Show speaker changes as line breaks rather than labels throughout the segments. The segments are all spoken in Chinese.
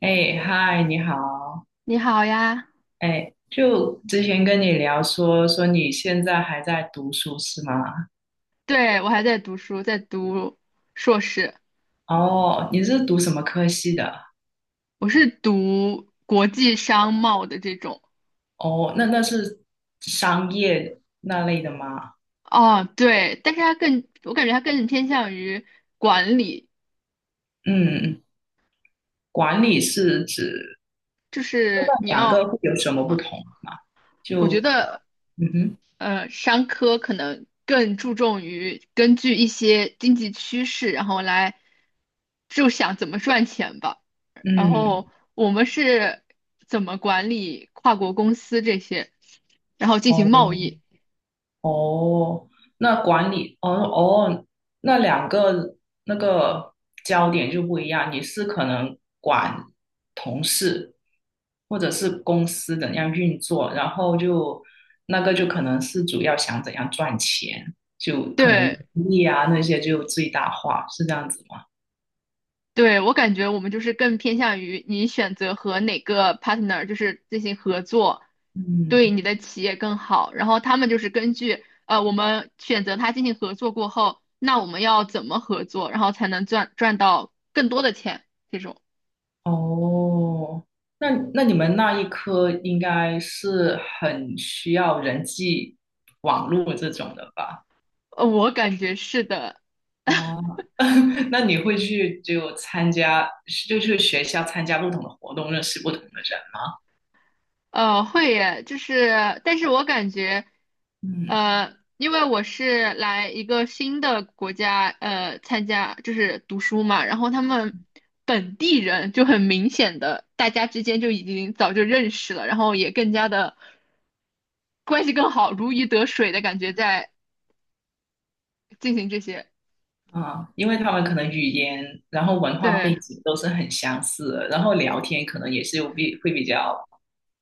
哎，嗨，你好。
你好呀，
哎，就之前跟你聊说你现在还在读书是吗？
对，我还在读书，在读硕士，
哦，你是读什么科系的？
我是读国际商贸的这种。
哦，那是商业那类的吗？
哦，对，但是我感觉它更偏向于管理，
嗯，管理是指
就
那
是你
两个
要，
会有什么不
嗯，
同吗？
我
就
觉
可
得，
能，嗯哼，
商科可能更注重于根据一些经济趋势，然后来就想怎么赚钱吧。然
嗯，
后我们是怎么管理跨国公司这些，然后进行贸
哦，
易。
哦，那管理，哦哦，那两个那个焦点就不一样。你是可能管同事，或者是公司怎样运作，然后就那个就可能是主要想怎样赚钱，就可能
对，
利益啊那些就最大化，是这样子吗？
对，我感觉我们就是更偏向于你选择和哪个 partner 就是进行合作，
嗯，
对你的企业更好。然后他们就是根据我们选择他进行合作过后，那我们要怎么合作，然后才能赚到更多的钱？这种，
哦，那你们那一科应该是很需要人际网络这种的吧？
我感觉是的。
哦，那你会去就参加，是就去学校参加不同的活动，认识不同的人吗。
会耶，就是，但是我感觉，
嗯
因为我是来一个新的国家，参加就是读书嘛，然后他们本地人就很明显的，大家之间就已经早就认识了，然后也更加的关系更好，如鱼得水的感觉在进行这些，
啊，因为他们可能语言，然后文化
对，
背景都是很相似的，然后聊天可能也是比会比较，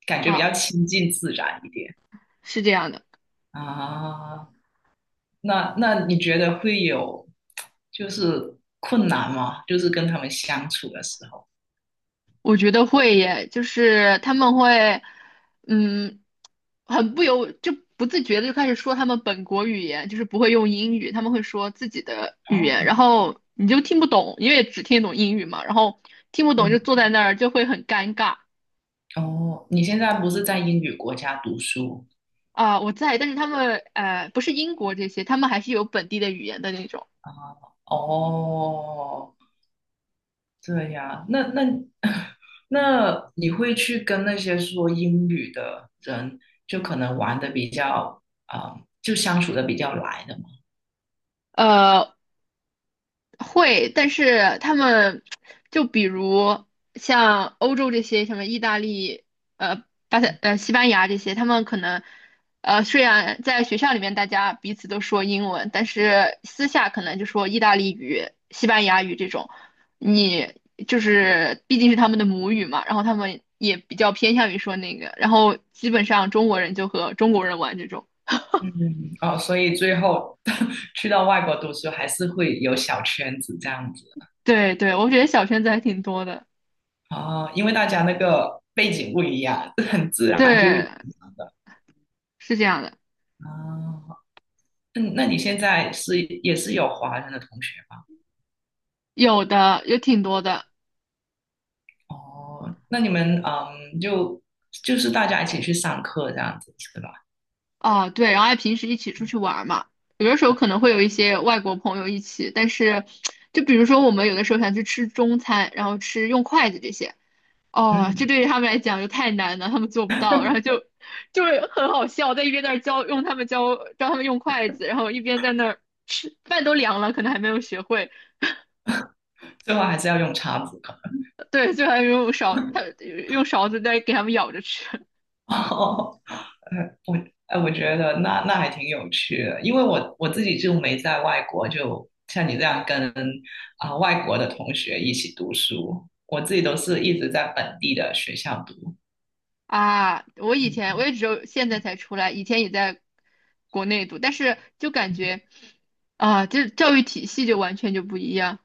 感觉比较
啊，
亲近自然一点
是这样的，
啊。那你觉得会有就是困难吗？就是跟他们相处的时候。
我觉得会耶，就是他们会，嗯。很不由就不自觉的就开始说他们本国语言，就是不会用英语，他们会说自己的语言，然
哦，
后你就听不懂，因为只听得懂英语嘛，然后听不懂就
嗯，
坐在那儿就会很尴尬
哦，你现在不是在英语国家读书？
啊、我在，但是他们不是英国这些，他们还是有本地的语言的那种。
哦，这样，那那 那你会去跟那些说英语的人，就可能玩的比较，啊、就相处的比较来的嘛？
呃，会，但是他们就比如像欧洲这些，什么意大利、呃巴塞、呃西班牙这些，他们可能虽然在学校里面大家彼此都说英文，但是私下可能就说意大利语、西班牙语这种。你就是毕竟是他们的母语嘛，然后他们也比较偏向于说那个，然后基本上中国人就和中国人玩这种。
嗯，哦，所以最后 去到外国读书，还是会有小圈子这样子
对对，我觉得小圈子还挺多的。
哦，因为大家那个背景不一样，很自然就会
对，
影响的。
是这样的。
哦，那你现在是也是有华人的同学吧？
有的，有挺多的
哦，那你们嗯，就是大家一起去上课这样子是吧？
啊，对，然后还平时一起出去玩儿嘛，有的时候可能会有一些外国朋友一起，但是就比如说我们有的时候想去吃中餐，然后吃用筷子这些，哦，这
嗯，
对于他们来讲就太难了，他们做不到，然后就是很好笑，在一边在那儿教用他们教教他们用筷子，然后一边在那儿吃，饭都凉了，可能还没有学会，
最后还是要用叉子可能。
对，就还没有勺，他用勺子在给他们舀着吃，
哦，呃，我我觉得那还挺有趣的，因为我自己就没在外国，就像你这样跟啊、外国的同学一起读书，我自己都是一直在本地的学校读。
啊，我以前
嗯，
我也只有现在才出来，以前也在国内读，但是就感觉啊，就是教育体系就完全就不一样。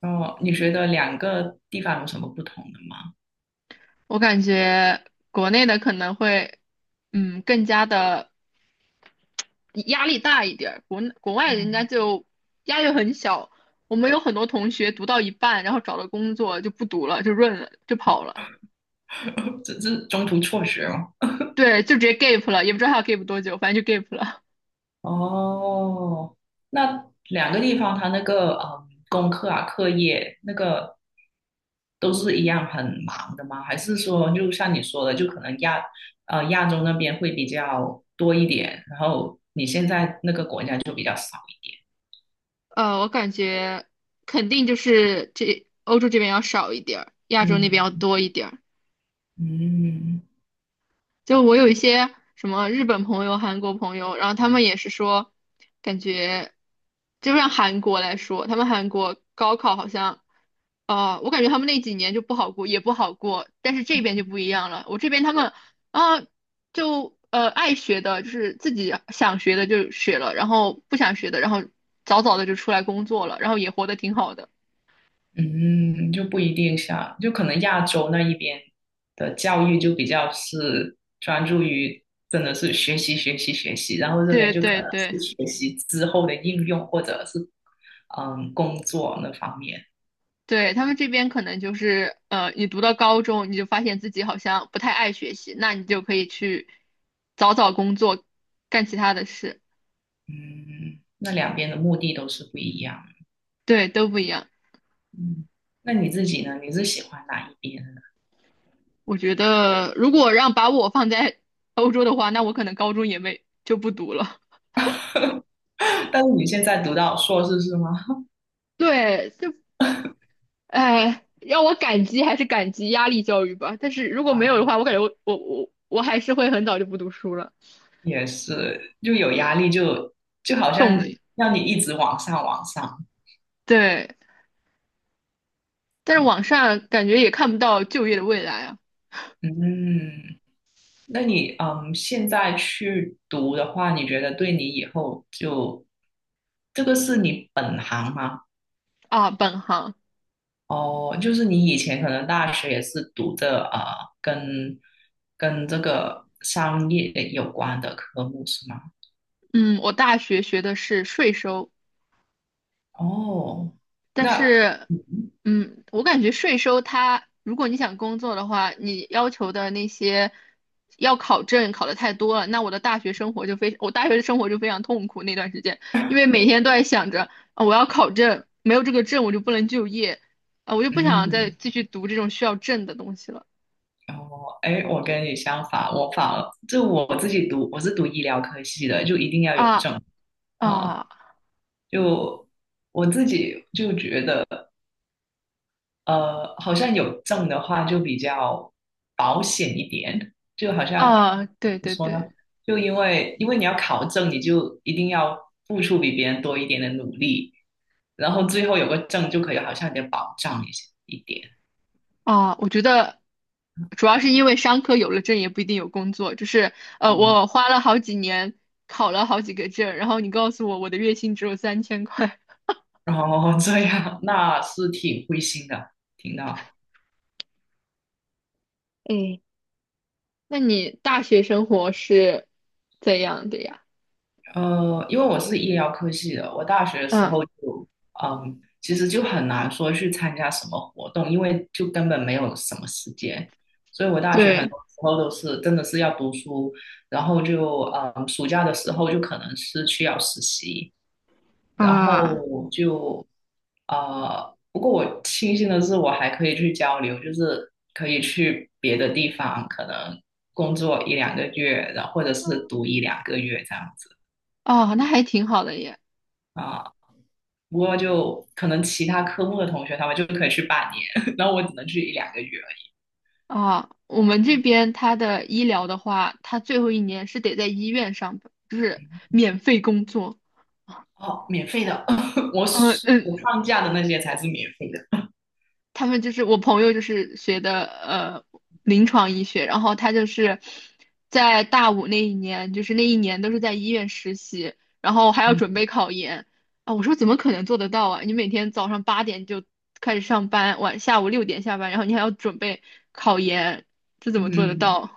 哦，你觉得两个地方有什么不同的吗？
我感觉国内的可能会，更加的压力大一点儿国外人家就压力很小。我们有很多同学读到一半，然后找了工作就不读了，就润了，就跑了，
嗯，只是中途辍学吗？
对，就直接 gap 了，也不知道他要 gap 多久，反正就 gap 了。
哦，那两个地方它那个嗯功课啊课业那个都是一样很忙的吗？还是说就像你说的，就可能亚亚洲那边会比较多一点，然后你现在那个国家就比较少？
我感觉肯定就是这欧洲这边要少一点儿，亚洲那边要
嗯
多一点儿。
嗯。
就我有一些什么日本朋友、韩国朋友，然后他们也是说，感觉就让韩国来说，他们韩国高考好像，我感觉他们那几年就不好过，也不好过，但是这边就不一样了。我这边他们啊，就爱学的，就是自己想学的就学了，然后不想学的，然后早早的就出来工作了，然后也活得挺好的。
嗯，就不一定像，就可能亚洲那一边的教育就比较是专注于真的是学习学习学习，然后这边
对
就可
对
能
对
是学习之后的应用或者是嗯工作那方面，
对，他们这边可能就是你读到高中，你就发现自己好像不太爱学习，那你就可以去早早工作，干其他的事，
嗯，那两边的目的都是不一样，
对，都不一样。
嗯，那你自己呢？你是喜欢哪一边？
我觉得如果让把我放在 欧洲的话，那我可能高中也没就不读了。
但是你现在读到硕士是吗？
对，就哎，让我感激还是感激压力教育吧。但是如 果没有
啊，
的话，我感觉我还是会很早就不读书了。
也是，就有压力就，就好像让你一直往上往上。
对，但是网上感觉也看不到就业的未来啊
嗯嗯那你嗯，现在去读的话，你觉得对你以后就这个是你本行吗？
啊，本行。
哦，就是你以前可能大学也是读的啊跟这个商业有关的科目是吗？
嗯，我大学学的是税收，
哦，
但
那
是，我感觉税收它，如果你想工作的话，你要求的那些要考证考的太多了，那我的大学生活就非，我大学的生活就非常痛苦那段时间，因为每天都在想着，啊，我要考证，没有这个证我就不能就业，啊，我就不想再
嗯，
继续读这种需要证的东西了，
哦，哎，我跟你相反，我反而就我自己读，我是读医疗科系的，就一定要有证
啊
啊、
啊
就我自己就觉得。好像有证的话就比较保险一点，就好像
啊，
怎
对
么
对
说
对，
呢？就因为你要考证，你就一定要付出比别人多一点的努力，然后最后有个证就可以好像有点保障一点。
啊，我觉得主要是因为商科有了证也不一定有工作，就是
哦，
我花了好几年考了好几个证，然后你告诉我我的月薪只有3000块，
然后这样那是挺灰心的，听到。
哎，那你大学生活是怎样的呀？
因为我是医疗科系的，我大学的时
嗯，
候就，嗯，其实就很难说去参加什么活动，因为就根本没有什么时间，所以我大学很
对
多时候都是真的是要读书，然后就，嗯，暑假的时候就可能是去要实习，然
啊，
后就，不过我庆幸的是我还可以去交流，就是可以去别的地方，可能工作一两个月，然后或者是读一两个月这样子。
哦，那还挺好的耶。
啊。不过就可能其他科目的同学他们就可以去半年，然后我只能去一两个月而已。
啊，我们这边他的医疗的话，他最后一年是得在医院上班，就是免费工作。
哦，免费的，我
嗯
我
嗯，
放假的那些才是免费的。
他们就是我朋友就是学的临床医学，然后他就是在大五那一年，就是那一年都是在医院实习，然后还要准
嗯
备考研啊。我说怎么可能做得到啊？你每天早上8点就开始上班，下午6点下班，然后你还要准备考研，这怎么做得
嗯，
到？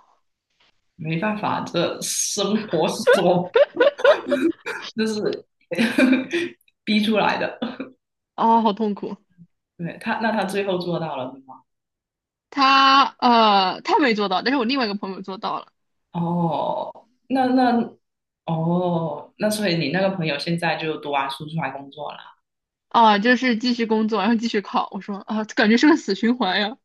没办法，这生活所 就是 逼出来的。
哦，好痛苦。
对他，那他最后做到了是吗？
他没做到，但是我另外一个朋友做到了。
哦，那那哦，那所以你那个朋友现在就读完书出来工作了。
啊，就是继续工作，然后继续考。我说啊，感觉是个死循环呀。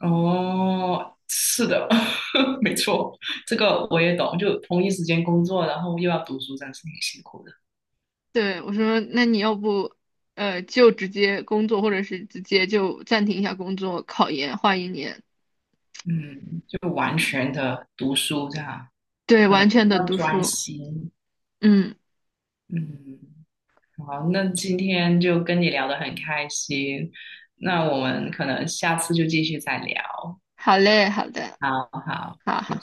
哦，是的，没错，这个我也懂。就同一时间工作，然后又要读书，这样是挺辛苦的。
对，我说，那你要不，就直接工作，或者是直接就暂停一下工作，考研换一年。
嗯，就完全的读书这样，
对，
可能
完
比
全的
较
读
专
书。
心。
嗯，
嗯，好，那今天就跟你聊得很开心，那我们可能下次就继续再聊。
好嘞，好的，
好好，
好好。
谢